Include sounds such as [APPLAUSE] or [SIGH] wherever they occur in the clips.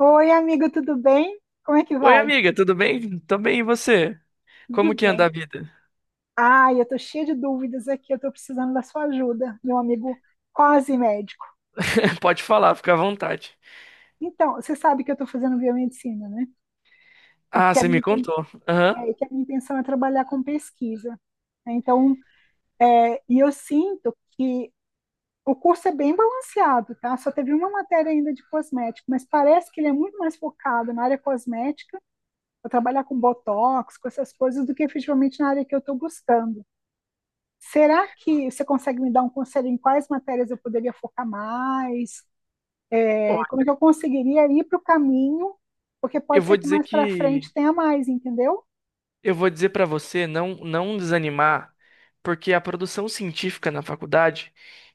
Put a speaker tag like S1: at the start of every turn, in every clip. S1: Oi, amigo, tudo bem? Como é que
S2: Oi,
S1: vai?
S2: amiga, tudo bem? Tô bem, e você?
S1: Tudo
S2: Como que anda
S1: bem.
S2: a vida?
S1: Ai, eu tô cheia de dúvidas aqui, eu tô precisando da sua ajuda, meu amigo quase médico.
S2: [LAUGHS] Pode falar, fica à vontade.
S1: Então, você sabe que eu tô fazendo biomedicina, né? E
S2: Ah,
S1: que a
S2: você
S1: minha,
S2: me contou. Aham.
S1: que a minha intenção é trabalhar com pesquisa. Né? Então, e eu sinto que o curso é bem balanceado, tá? Só teve uma matéria ainda de cosmético, mas parece que ele é muito mais focado na área cosmética, para trabalhar com botox, com essas coisas, do que efetivamente na área que eu tô buscando. Será que você consegue me dar um conselho em quais matérias eu poderia focar mais?
S2: Ó,
S1: Como é que eu conseguiria ir para o caminho? Porque
S2: eu
S1: pode
S2: vou
S1: ser que
S2: dizer
S1: mais para
S2: que
S1: frente tenha mais, entendeu?
S2: eu vou dizer pra você não desanimar, porque a produção científica na faculdade,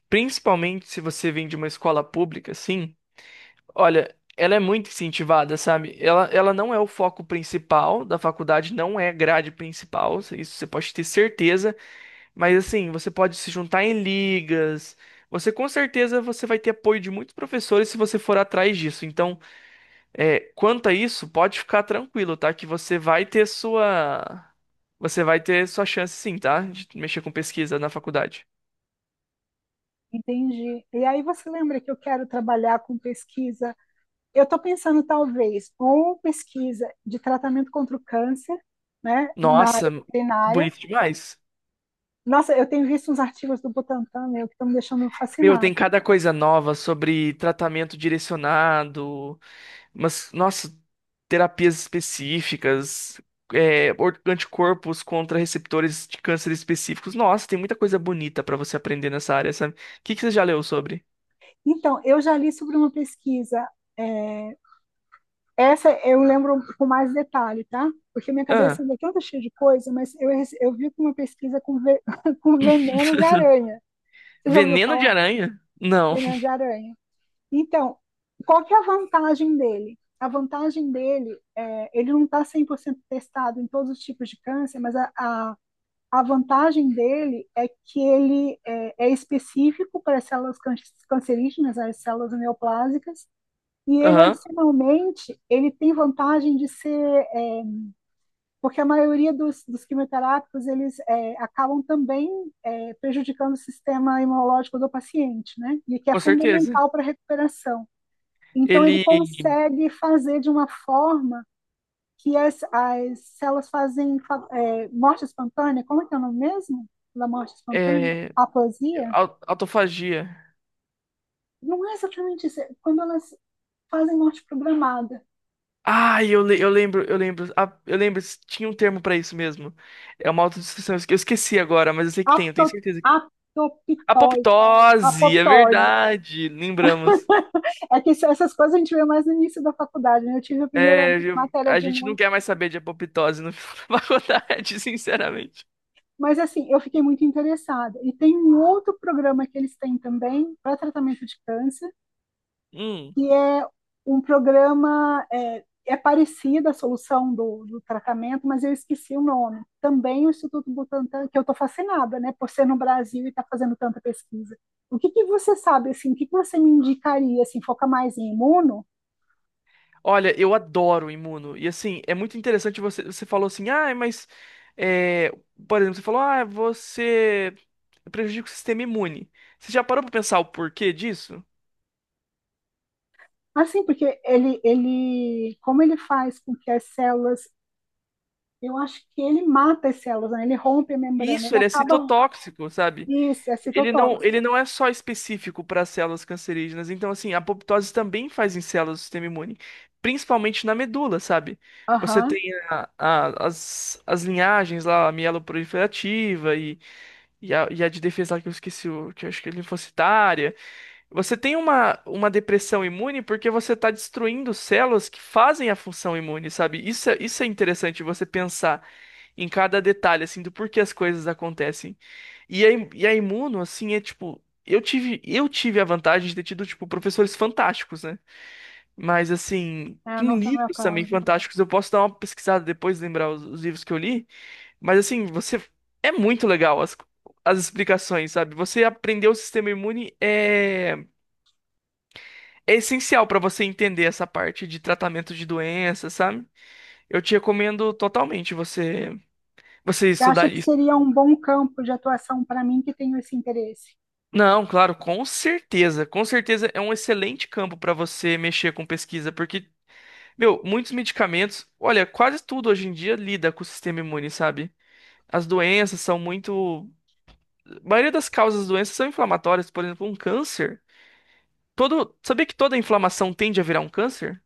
S2: principalmente se você vem de uma escola pública, sim, olha, ela é muito incentivada, sabe? Ela não é o foco principal da faculdade, não é grade principal, isso você pode ter certeza. Mas assim, você pode se juntar em ligas. Você com certeza você vai ter apoio de muitos professores se você for atrás disso. Então, quanto a isso, pode ficar tranquilo, tá? Que você vai ter sua chance sim, tá? De mexer com pesquisa na faculdade.
S1: Entendi. E aí você lembra que eu quero trabalhar com pesquisa? Eu estou pensando talvez ou pesquisa de tratamento contra o câncer, né, na
S2: Nossa,
S1: área veterinária.
S2: bonito demais.
S1: Nossa, eu tenho visto uns artigos do Butantan, meu, que estão me deixando
S2: Meu,
S1: fascinada.
S2: tem cada coisa nova sobre tratamento direcionado. Mas, nossa, terapias específicas, anticorpos contra receptores de câncer específicos. Nossa, tem muita coisa bonita pra você aprender nessa área, sabe? O que que você já leu sobre?
S1: Então, eu já li sobre uma pesquisa é, Essa eu lembro com mais detalhe, tá? Porque minha cabeça
S2: Ah,
S1: ainda é toda cheia de coisa, mas eu vi uma pesquisa [LAUGHS] com veneno de aranha. Você já ouviu
S2: veneno de
S1: falar?
S2: aranha? Não.
S1: Veneno de
S2: [LAUGHS]
S1: aranha. Então, qual que é a vantagem dele? A vantagem dele é, ele não está 100% testado em todos os tipos de câncer, mas a vantagem dele é que ele é específico para as células cancerígenas, as células neoplásicas, e ele,
S2: Aham,
S1: adicionalmente, ele tem vantagem de ser, porque a maioria dos quimioterápicos, eles acabam também prejudicando o sistema imunológico do paciente, né? E que é
S2: com certeza.
S1: fundamental para a recuperação. Então, ele
S2: Ele
S1: consegue fazer de uma forma que as células fazem morte espontânea, como é que é o nome mesmo da morte espontânea?
S2: é
S1: Aplasia?
S2: autofagia.
S1: Não é exatamente isso, é quando elas fazem morte programada.
S2: Ah, eu lembro, ah, eu lembro, tinha um termo pra isso mesmo. É uma autodestruição. Eu esqueci agora, mas eu sei que tem, eu tenho
S1: Apto,
S2: certeza.
S1: apto apoptose.
S2: Apoptose, é
S1: Apoptose.
S2: verdade. Lembramos.
S1: É que essas coisas a gente vê mais no início da faculdade, né? Eu tive a primeira
S2: É,
S1: matéria
S2: a
S1: de
S2: gente não
S1: imuno,
S2: quer mais saber de apoptose no final da [LAUGHS] faculdade, sinceramente.
S1: mas assim, eu fiquei muito interessada. E tem um outro programa que eles têm também para tratamento de câncer,
S2: Hum.
S1: que é um programa, é parecido à solução do tratamento, mas eu esqueci o nome. Também o Instituto Butantan, que eu estou fascinada, né, por ser no Brasil e estar fazendo tanta pesquisa. O que que você sabe, assim, o que que você me indicaria, assim, foca mais em imuno?
S2: Olha, eu adoro Imuno. E assim, é muito interessante você. Você falou assim, ah, mas. é, por exemplo, você falou, ah, você prejudica o sistema imune. Você já parou pra pensar o porquê disso?
S1: Assim, porque como ele faz com que as células, eu acho que ele mata as células, né? Ele rompe a membrana,
S2: Isso,
S1: ele
S2: ele é
S1: acaba.
S2: citotóxico, sabe?
S1: Isso, é citotóxico.
S2: Ele não é só específico para células cancerígenas. Então, assim, a apoptose também faz em células do sistema imune, principalmente na medula, sabe? Você
S1: Aham,
S2: tem as, as linhagens lá, a mieloproliferativa e, e a de defesa lá que eu esqueci, o, que eu acho que é linfocitária. Você tem uma depressão imune porque você está destruindo células que fazem a função imune, sabe? Isso é interessante você pensar em cada detalhe, assim, do porquê as coisas acontecem. E e a Imuno, assim, é tipo. Eu tive a vantagem de ter tido, tipo, professores fantásticos, né? Mas, assim,
S1: não
S2: em
S1: foi o meu
S2: livros também
S1: caso.
S2: fantásticos, eu posso dar uma pesquisada depois, lembrar os livros que eu li. Mas, assim, você. É muito legal as, as explicações, sabe? Você aprender o sistema imune é essencial pra você entender essa parte de tratamento de doenças, sabe? Eu te recomendo totalmente você, você
S1: Você
S2: estudar
S1: acha que
S2: isso.
S1: seria um bom campo de atuação para mim que tenho esse interesse?
S2: Não, claro, com certeza. Com certeza é um excelente campo para você mexer com pesquisa, porque, meu, muitos medicamentos, olha, quase tudo hoje em dia lida com o sistema imune, sabe? As doenças são muito. A maioria das causas das doenças são inflamatórias, por exemplo, um câncer. Todo... Sabia que toda inflamação tende a virar um câncer?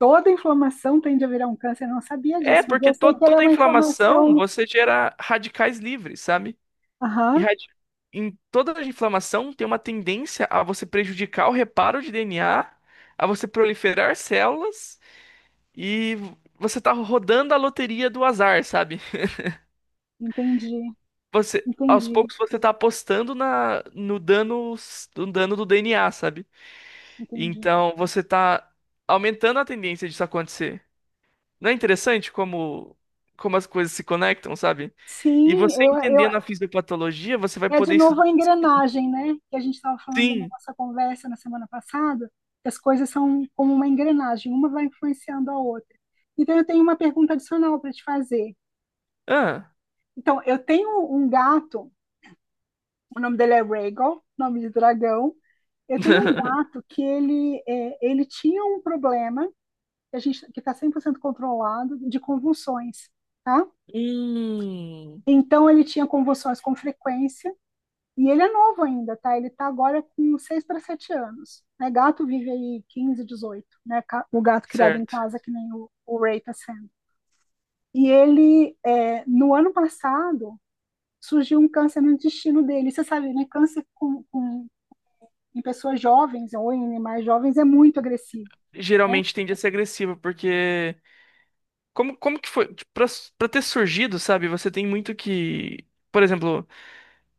S1: Toda inflamação tende a virar um câncer, eu não sabia
S2: É,
S1: disso, mas eu
S2: porque
S1: sei que ela é
S2: toda
S1: uma
S2: inflamação
S1: inflamação.
S2: você gera radicais livres, sabe? E
S1: Aham,
S2: em toda a inflamação tem uma tendência a você prejudicar o reparo de DNA, a você proliferar células e você tá rodando a loteria do azar, sabe?
S1: entendi,
S2: Você, aos
S1: entendi,
S2: poucos você tá apostando na, no dano, no dano do DNA, sabe?
S1: entendi.
S2: Então você tá aumentando a tendência disso acontecer. Não é interessante como, como as coisas se conectam, sabe? E
S1: Sim,
S2: você
S1: eu
S2: entendendo a fisiopatologia, você vai
S1: é de
S2: poder
S1: novo
S2: estudar.
S1: a engrenagem, né? Que a gente estava falando na
S2: Sim.
S1: nossa conversa na semana passada, que as coisas são como uma engrenagem, uma vai influenciando a outra. Então, eu tenho uma pergunta adicional para te fazer.
S2: Ah.
S1: Então, eu tenho um gato, o nome dele é Rhaegal, nome de dragão. Eu tenho um
S2: [LAUGHS]
S1: gato que ele tinha um problema, que a gente, que está 100% controlado, de convulsões, tá?
S2: Hum,
S1: Então, ele tinha convulsões com frequência. E ele é novo ainda, tá? Ele tá agora com 6 para 7 anos. Né? Gato vive aí 15, 18, né? O gato criado em
S2: certo.
S1: casa, que nem o Ray tá sendo. E ele, no ano passado, surgiu um câncer no intestino dele. Você sabe, né? Câncer em pessoas jovens ou em animais jovens é muito agressivo. Né?
S2: Geralmente tende a ser agressiva, porque como, como que foi? Tipo, pra, pra ter surgido, sabe? Você tem muito que. Por exemplo,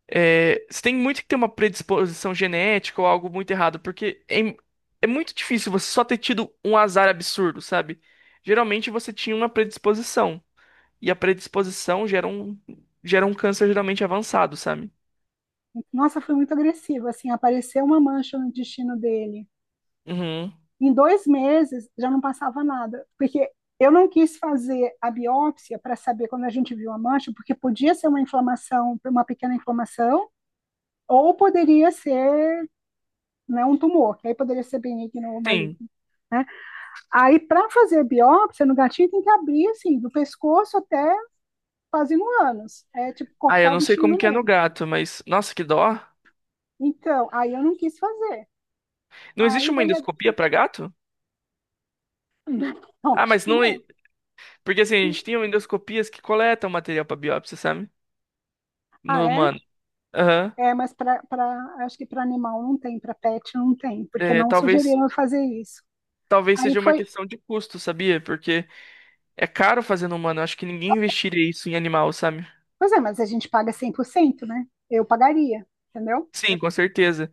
S2: você tem muito que ter uma predisposição genética ou algo muito errado, porque é muito difícil você só ter tido um azar absurdo, sabe? Geralmente você tinha uma predisposição, e a predisposição gera um câncer geralmente avançado, sabe?
S1: Nossa, foi muito agressivo. Assim, apareceu uma mancha no intestino dele.
S2: Uhum.
S1: Em 2 meses já não passava nada, porque eu não quis fazer a biópsia para saber quando a gente viu a mancha, porque podia ser uma inflamação, uma pequena inflamação, ou poderia ser, né, um tumor, que aí poderia ser benigno ou maligno.
S2: Sim.
S1: Né? Aí, para fazer biópsia no gatinho, tem que abrir assim, do pescoço até quase no ânus. É tipo
S2: Ah, eu
S1: cortar o
S2: não sei
S1: bichinho
S2: como
S1: no
S2: que é no
S1: meio.
S2: gato, mas nossa, que dó.
S1: Então, aí eu não quis fazer.
S2: Não existe
S1: Aí
S2: uma
S1: dali a.
S2: endoscopia para gato?
S1: [LAUGHS] Não,
S2: Ah,
S1: acho
S2: mas
S1: que
S2: não.
S1: não.
S2: e- Porque assim, a gente tem endoscopias que coletam material para biópsia, sabe?
S1: Ah,
S2: No
S1: é?
S2: humano. Aham.
S1: É, mas para, acho que para animal não tem, para pet não tem, porque
S2: É,
S1: não
S2: talvez,
S1: sugeriram eu fazer isso.
S2: talvez
S1: Aí
S2: seja uma
S1: foi,
S2: questão de custo, sabia? Porque é caro fazer no humano. Acho que ninguém investiria isso em animal, sabe?
S1: pois é, mas a gente paga 100%, né? Eu pagaria, entendeu?
S2: Sim, com certeza.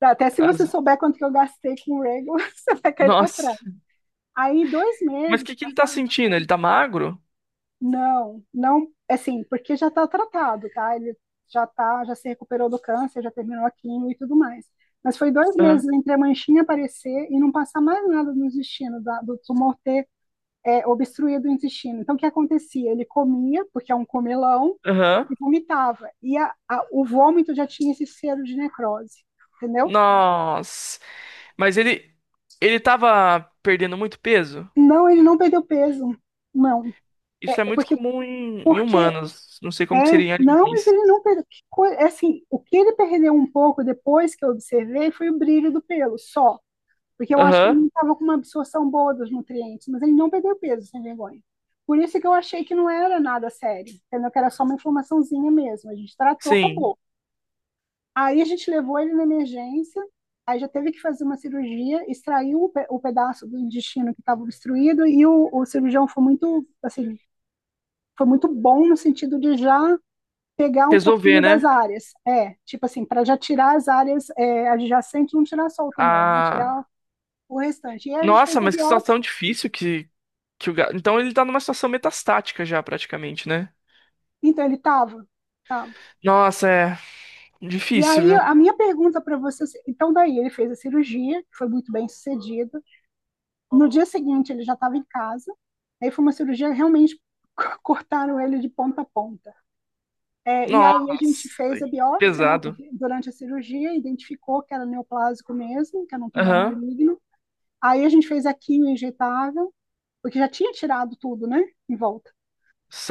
S1: Até se você
S2: As-
S1: souber quanto que eu gastei com o Rego, [LAUGHS] você vai cair para
S2: nossa.
S1: trás. Aí dois
S2: Mas o
S1: meses
S2: que que ele tá
S1: passaram.
S2: sentindo? Ele tá magro?
S1: Não, não, assim, porque já está tratado, tá? Ele já tá, já se recuperou do câncer, já terminou a quimio e tudo mais. Mas foi 2 meses
S2: Aham.
S1: entre a manchinha aparecer e não passar mais nada nos destinos do tumor ter obstruído o intestino. Então, o que acontecia? Ele comia, porque é um comelão,
S2: Aham.
S1: e vomitava. E o vômito já tinha esse cheiro de necrose, entendeu?
S2: Nossa. Mas ele. Ele tava perdendo muito peso?
S1: Não, ele não perdeu peso, não.
S2: Isso
S1: É
S2: é
S1: é
S2: muito
S1: porque,
S2: comum em, em
S1: porque
S2: humanos. Não sei
S1: é,
S2: como que seria em
S1: não, mas
S2: animais.
S1: ele não perdeu. É assim, o que ele perdeu um pouco depois que eu observei foi o brilho do pelo, só. Porque eu acho que ele
S2: Aham.
S1: não estava com uma absorção boa dos nutrientes, mas ele não perdeu peso sem vergonha. Por isso que eu achei que não era nada sério, entendeu? Que era só uma inflamaçãozinha mesmo. A gente tratou,
S2: Sim,
S1: acabou. Aí a gente levou ele na emergência, aí já teve que fazer uma cirurgia, extraiu o pedaço do intestino que estava obstruído e o cirurgião foi muito, assim, foi muito bom no sentido de já pegar um
S2: resolver,
S1: pouquinho das
S2: né?
S1: áreas. É, tipo assim, para já tirar as áreas adjacentes, não tirar só o tumor, né?
S2: Ah,
S1: Tirar o restante. E aí a gente
S2: nossa,
S1: fez a
S2: mas que
S1: biópsia.
S2: situação difícil que o gato. Então ele tá numa situação metastática já, praticamente, né?
S1: Então ele estava. Tava.
S2: Nossa, é
S1: E
S2: difícil,
S1: aí
S2: viu?
S1: a minha pergunta para você, então daí ele fez a cirurgia, que foi muito bem sucedida. No dia seguinte ele já estava em casa. Aí foi uma cirurgia realmente [LAUGHS] cortaram ele de ponta a ponta. É, e
S2: Nossa,
S1: aí a gente fez a biópsia, né,
S2: pesado.
S1: porque durante a cirurgia identificou que era neoplásico mesmo, que era um tumor
S2: Aham,
S1: maligno. Aí a gente fez a quimio injetável, porque já tinha tirado tudo, né, em volta.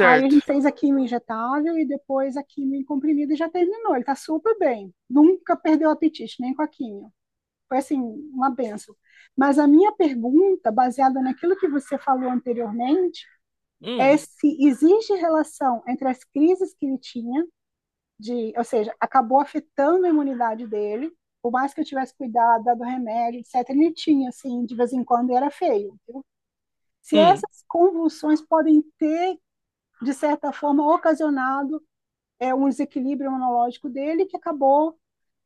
S1: Aí a gente fez a quimio injetável e depois a quimio em comprimido e já terminou. Ele está super bem. Nunca perdeu o apetite, nem com a quimio. Foi assim, uma benção. Mas a minha pergunta, baseada naquilo que você falou anteriormente, é
S2: Hum,
S1: se existe relação entre as crises que ele tinha, de, ou seja, acabou afetando a imunidade dele, por mais que eu tivesse cuidado, dado remédio, etc., ele tinha, assim, de vez em quando e era feio. Se
S2: hum,
S1: essas convulsões podem ter, de certa forma, ocasionado um desequilíbrio imunológico dele que acabou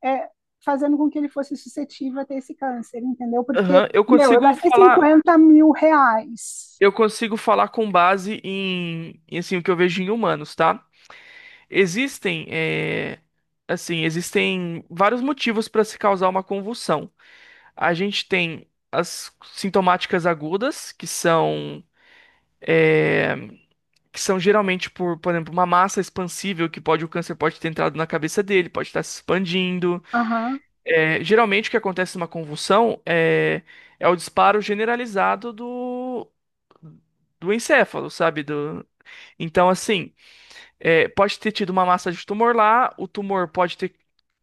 S1: é, fazendo com que ele fosse suscetível a ter esse câncer, entendeu? Porque,
S2: aham.
S1: meu, eu gastei R$ 50.000.
S2: Eu consigo falar com base em, em, assim, o que eu vejo em humanos, tá? Existem, assim, existem vários motivos para se causar uma convulsão. A gente tem as sintomáticas agudas, que são geralmente por exemplo, uma massa expansível que pode o câncer pode ter entrado na cabeça dele, pode estar se expandindo.
S1: Aham.
S2: É, geralmente o que acontece numa convulsão é o disparo generalizado do encéfalo, sabe? Do... Então, assim, é, pode ter tido uma massa de tumor lá, o tumor pode ter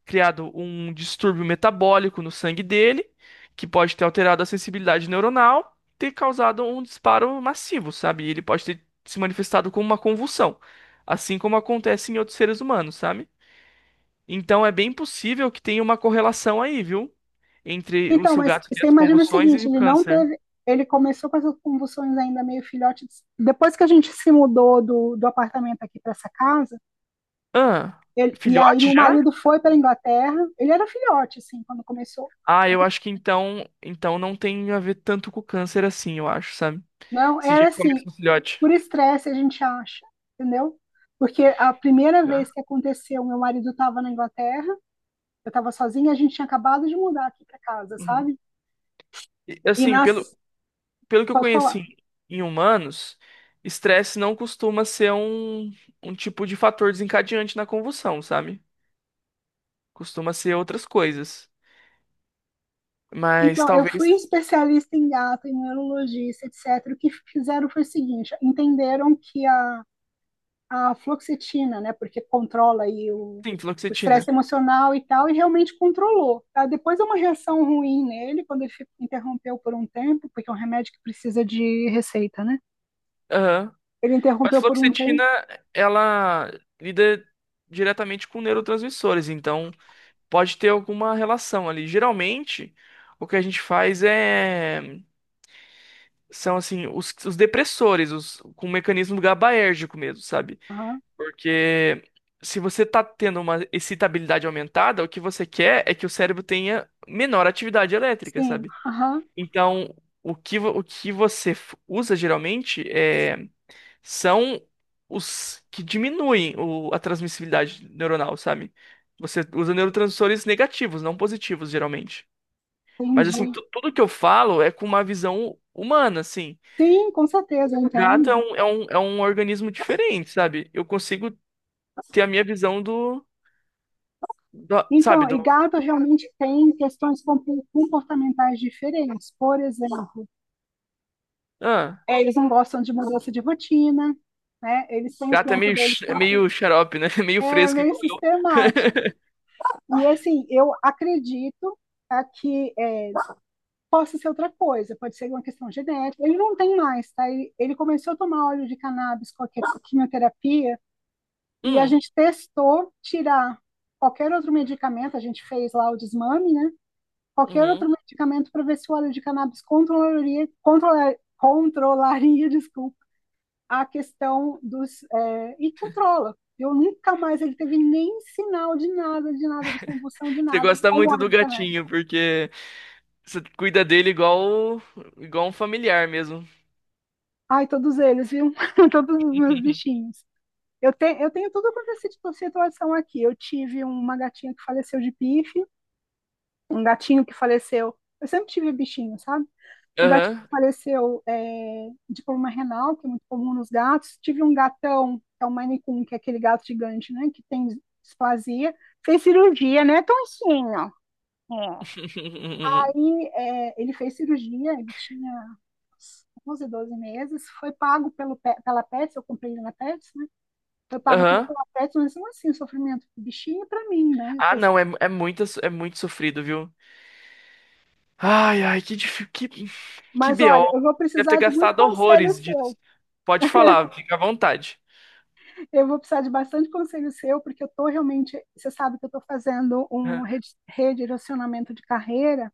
S2: criado um distúrbio metabólico no sangue dele, que pode ter alterado a sensibilidade neuronal, ter causado um disparo massivo, sabe? E ele pode ter se manifestado como uma convulsão, assim como acontece em outros seres humanos, sabe? Então é bem possível que tenha uma correlação aí, viu? Entre o
S1: Então,
S2: seu
S1: mas
S2: gato ter
S1: você
S2: as
S1: imagina o
S2: convulsões e
S1: seguinte,
S2: o
S1: ele não
S2: câncer.
S1: teve, ele começou com essas convulsões ainda meio filhote. Depois que a gente se mudou do apartamento aqui para essa casa,
S2: Ah,
S1: ele- e aí
S2: filhote
S1: o
S2: já?
S1: marido foi para a Inglaterra, ele era filhote, assim, quando começou.
S2: Ah, eu acho que então, então não tem a ver tanto com o câncer assim, eu acho, sabe?
S1: Não,
S2: Esse dia
S1: era
S2: eu começo
S1: assim,
S2: no filhote.
S1: por estresse a gente acha, entendeu? Porque a primeira
S2: Né?
S1: vez que aconteceu, meu marido estava na Inglaterra, eu estava sozinha, a gente tinha acabado de mudar aqui para casa,
S2: Uhum.
S1: sabe?
S2: E,
S1: E
S2: assim,
S1: nas...
S2: pelo que eu
S1: Pode falar.
S2: conheci em humanos, estresse não costuma ser um tipo de fator desencadeante na convulsão, sabe? Costuma ser outras coisas. Mas
S1: Então, eu fui
S2: talvez.
S1: especialista em gato, em neurologista, etc. O que fizeram foi o seguinte, entenderam que a fluoxetina, né? Porque controla aí
S2: Sim,
S1: o estresse
S2: fluoxetina.
S1: emocional e tal, e realmente controlou. Tá? Depois é uma reação ruim nele, quando ele fico, interrompeu por um tempo, porque é um remédio que precisa de receita, né?
S2: Aham.
S1: Ele
S2: Mas
S1: interrompeu por um
S2: fluoxetina,
S1: tempo.
S2: ela lida diretamente com neurotransmissores, então pode ter alguma relação ali. Geralmente, o que a gente faz é. São assim os depressores, os com um mecanismo gabaérgico mesmo, sabe?
S1: Aham,
S2: Porque se você tá tendo uma excitabilidade aumentada, o que você quer é que o cérebro tenha menor atividade elétrica,
S1: sim,
S2: sabe?
S1: aham,
S2: Então, o que você usa geralmente são os que diminuem a transmissibilidade neuronal, sabe? Você usa neurotransmissores negativos, não positivos, geralmente. Mas assim,
S1: entendi.
S2: tudo que eu falo é com uma visão humana, assim.
S1: Sim, com certeza, eu
S2: Gato é
S1: entendo.
S2: um, é um, é um organismo diferente, sabe? Eu consigo ter a minha visão do, do- sabe,
S1: Então, e
S2: do.
S1: gato realmente tem questões comportamentais diferentes. Por exemplo,
S2: Ah,
S1: eles não gostam de mudança de rotina, né? Eles têm o
S2: gato é
S1: tempo
S2: meio,
S1: deles
S2: é
S1: para
S2: meio xarope, né? [LAUGHS] É meio
S1: é
S2: fresco
S1: meio
S2: igual eu.
S1: sistemático.
S2: [LAUGHS]
S1: E assim, eu acredito tá, possa ser outra coisa, pode ser uma questão genética. Ele não tem mais, tá? Ele começou a tomar óleo de cannabis com a quimioterapia e a
S2: Hum,
S1: gente testou tirar qualquer outro medicamento, a gente fez lá o desmame, né? Qualquer
S2: uhum.
S1: outro medicamento para ver se o óleo de cannabis controlaria, controlaria, [LAUGHS] desculpa, a questão dos. E controla. Eu nunca mais ele teve nem sinal de nada, de nada, de convulsão, de
S2: Você
S1: nada,
S2: gosta
S1: com o
S2: muito
S1: óleo
S2: do
S1: de cannabis.
S2: gatinho, porque você cuida dele igual, igual um familiar mesmo.
S1: Ai, todos eles, viu? [LAUGHS] Todos os meus
S2: [LAUGHS]
S1: bichinhos. Eu tenho tudo quanto é situação aqui. Eu tive uma gatinha que faleceu de pife, um gatinho que faleceu. Eu sempre tive bichinho, sabe? Um gatinho
S2: Aham.
S1: que faleceu, de problema renal, que é muito comum nos gatos. Tive um gatão, que é o Maine Coon, que é aquele gato gigante, né? Que tem displasia. Fez cirurgia, né? Toncinho. É.
S2: [LAUGHS]
S1: Aí, ele fez cirurgia, ele tinha uns 11, 12 meses, foi pago pela Pets, eu comprei ele na Pets. Foi pago tudo
S2: Aham.
S1: pela Pets, mas não assim, o sofrimento do bichinho é para mim, né?
S2: Ah, não, é, é muito sofrido, viu? Ai, ai, que difícil. Que
S1: Mas olha,
S2: BO.
S1: eu vou
S2: Deve ter
S1: precisar de muito
S2: gastado
S1: conselho
S2: horrores
S1: seu.
S2: disso. Pode falar, fica à vontade.
S1: Eu vou precisar de bastante conselho seu, porque eu estou realmente, você sabe que eu estou fazendo um
S2: Aham.
S1: redirecionamento de carreira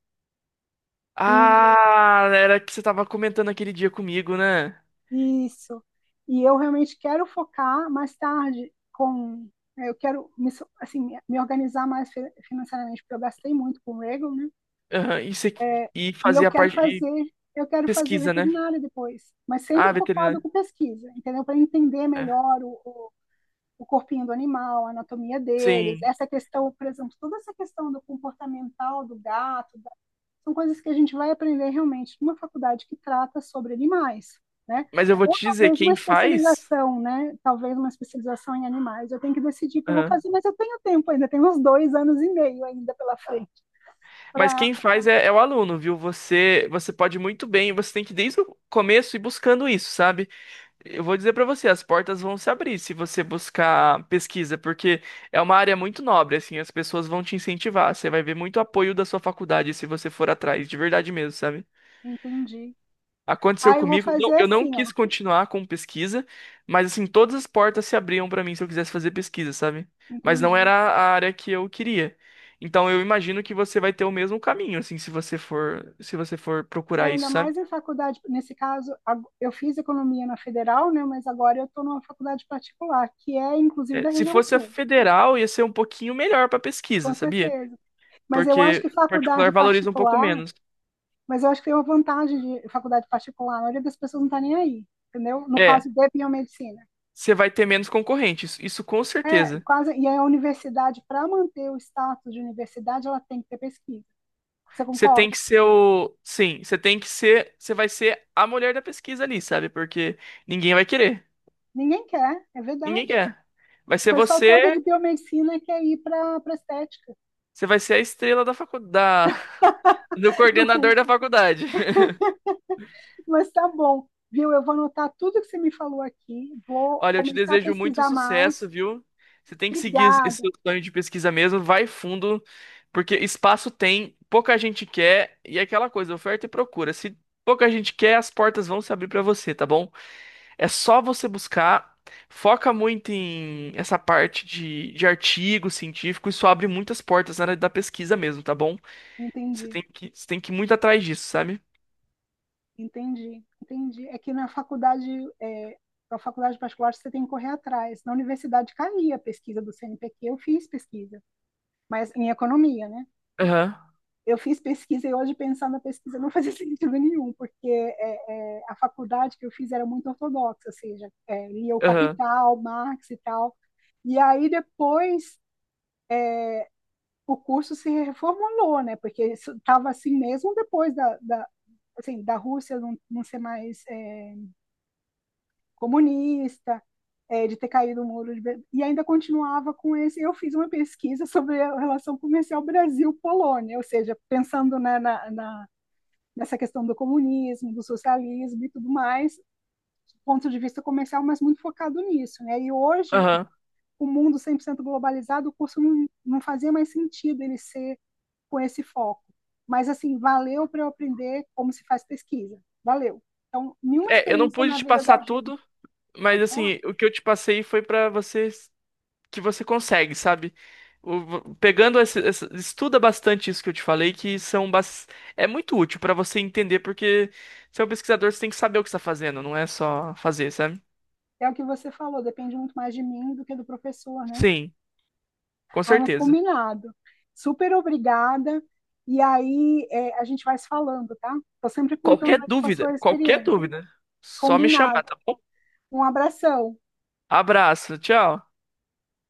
S1: e
S2: Ah, era que você tava comentando aquele dia comigo, né?
S1: isso. E eu realmente quero focar mais tarde com eu quero me, assim, me organizar mais financeiramente, porque eu gastei muito com o Regal, né?
S2: Aham, e, você,
S1: É.
S2: e
S1: E
S2: fazia parte. E
S1: eu quero fazer
S2: pesquisa, né?
S1: veterinária depois, mas sempre
S2: Ah,
S1: focado
S2: veterinário.
S1: com pesquisa, entendeu? Para entender
S2: É,
S1: melhor o, o corpinho do animal, a anatomia deles,
S2: sim.
S1: essa questão, por exemplo, toda essa questão do comportamental do gato, são coisas que a gente vai aprender realmente numa faculdade que trata sobre animais, né?
S2: Mas eu vou
S1: Ou
S2: te dizer,
S1: talvez uma
S2: quem faz.
S1: especialização, né? Talvez uma especialização em animais. Eu tenho que decidir o que eu vou
S2: Aham.
S1: fazer, mas eu tenho tempo ainda, tenho uns dois anos e meio ainda pela frente
S2: Mas
S1: para
S2: quem faz é o aluno, viu? Você, você pode muito bem, você tem que desde o começo ir buscando isso, sabe? Eu vou dizer pra você, as portas vão se abrir se você buscar pesquisa, porque é uma área muito nobre, assim, as pessoas vão te incentivar, você vai ver muito apoio da sua faculdade se você for atrás, de verdade mesmo, sabe?
S1: entender.
S2: Aconteceu
S1: Aí eu vou
S2: comigo,
S1: fazer
S2: eu não
S1: assim,
S2: quis
S1: ó.
S2: continuar com pesquisa, mas assim, todas as portas se abriam pra mim se eu quisesse fazer pesquisa, sabe? Mas não
S1: Entendi.
S2: era a área que eu queria. Então eu imagino que você vai ter o mesmo caminho, assim, se você for, se você for
S1: É,
S2: procurar isso,
S1: ainda
S2: sabe?
S1: mais em faculdade, nesse caso, eu fiz economia na federal, né? Mas agora eu estou numa faculdade particular, que é inclusive da
S2: É, se
S1: região
S2: fosse a
S1: sul,
S2: federal, ia ser um pouquinho melhor pra
S1: com
S2: pesquisa, sabia?
S1: certeza. Mas eu acho
S2: Porque
S1: que
S2: particular
S1: faculdade
S2: valoriza um pouco
S1: particular,
S2: menos.
S1: mas eu acho que tem uma vantagem de faculdade particular, a maioria das pessoas não está nem aí, entendeu? No caso
S2: É,
S1: de biomedicina.
S2: você vai ter menos concorrentes, isso com
S1: É,
S2: certeza.
S1: quase, e aí a universidade, para manter o status de universidade, ela tem que ter pesquisa. Você
S2: Você tem
S1: concorda?
S2: que ser o. Sim, você tem que ser. Você vai ser a mulher da pesquisa ali, sabe? Porque ninguém vai querer.
S1: Ninguém quer, é
S2: Ninguém
S1: verdade.
S2: quer. Vai
S1: O
S2: ser
S1: pessoal todo
S2: você.
S1: de biomedicina quer ir para a estética
S2: Você vai ser a estrela da faculdade. [LAUGHS] Do
S1: do
S2: coordenador
S1: curso.
S2: da faculdade.
S1: Mas tá bom, viu? Eu vou anotar tudo que você me falou aqui, vou
S2: Olha, eu te
S1: começar a
S2: desejo muito
S1: pesquisar mais.
S2: sucesso, viu? Você tem que seguir esse
S1: Obrigada.
S2: seu sonho de pesquisa mesmo, vai fundo, porque espaço tem, pouca gente quer, e é aquela coisa, oferta e procura. Se pouca gente quer, as portas vão se abrir pra você, tá bom? É só você buscar. Foca muito em essa parte de artigo científico, isso abre muitas portas na área da pesquisa mesmo, tá bom?
S1: Entendi,
S2: Você tem que ir muito atrás disso, sabe?
S1: entendi, entendi. É que na faculdade, é, na faculdade particular, você tem que correr atrás. Na universidade caía a pesquisa do CNPq, eu fiz pesquisa, mas em economia, né?
S2: Aham,
S1: Eu fiz pesquisa e hoje pensar na pesquisa não fazia [LAUGHS] sentido nenhum, porque a faculdade que eu fiz era muito ortodoxa, ou seja, lia o
S2: aham,
S1: Capital, Marx e tal. E aí depois o curso se reformulou, né? Porque estava assim mesmo depois da, assim, da Rússia não ser mais comunista, de ter caído o muro de Berlim, e ainda continuava com esse. Eu fiz uma pesquisa sobre a relação comercial Brasil-Polônia, ou seja, pensando, né, na, nessa questão do comunismo, do socialismo e tudo mais, do ponto de vista comercial, mas muito focado nisso. Né? E hoje,
S2: aham.
S1: o mundo 100% globalizado, o curso não fazia mais sentido ele ser com esse foco. Mas, assim, valeu para eu aprender como se faz pesquisa. Valeu. Então, nenhuma
S2: É, eu não
S1: experiência
S2: pude
S1: na
S2: te
S1: vida
S2: passar
S1: da
S2: tudo.
S1: gente,
S2: Mas
S1: pode falar,
S2: assim, o que eu te passei foi pra você que você consegue, sabe? Pegando esse, estuda bastante isso que eu te falei, é muito útil pra você entender, porque você é um pesquisador, você tem que saber o que está fazendo, não é só fazer, sabe?
S1: é o que você falou, depende muito mais de mim do que do professor, né?
S2: Sim, com
S1: Ai, mas
S2: certeza.
S1: combinado. Super obrigada. E aí, a gente vai se falando, tá? Tô sempre contando aí com a sua
S2: Qualquer
S1: experiência.
S2: dúvida, só me chamar,
S1: Combinado.
S2: tá bom?
S1: Um abração.
S2: Abraço, tchau.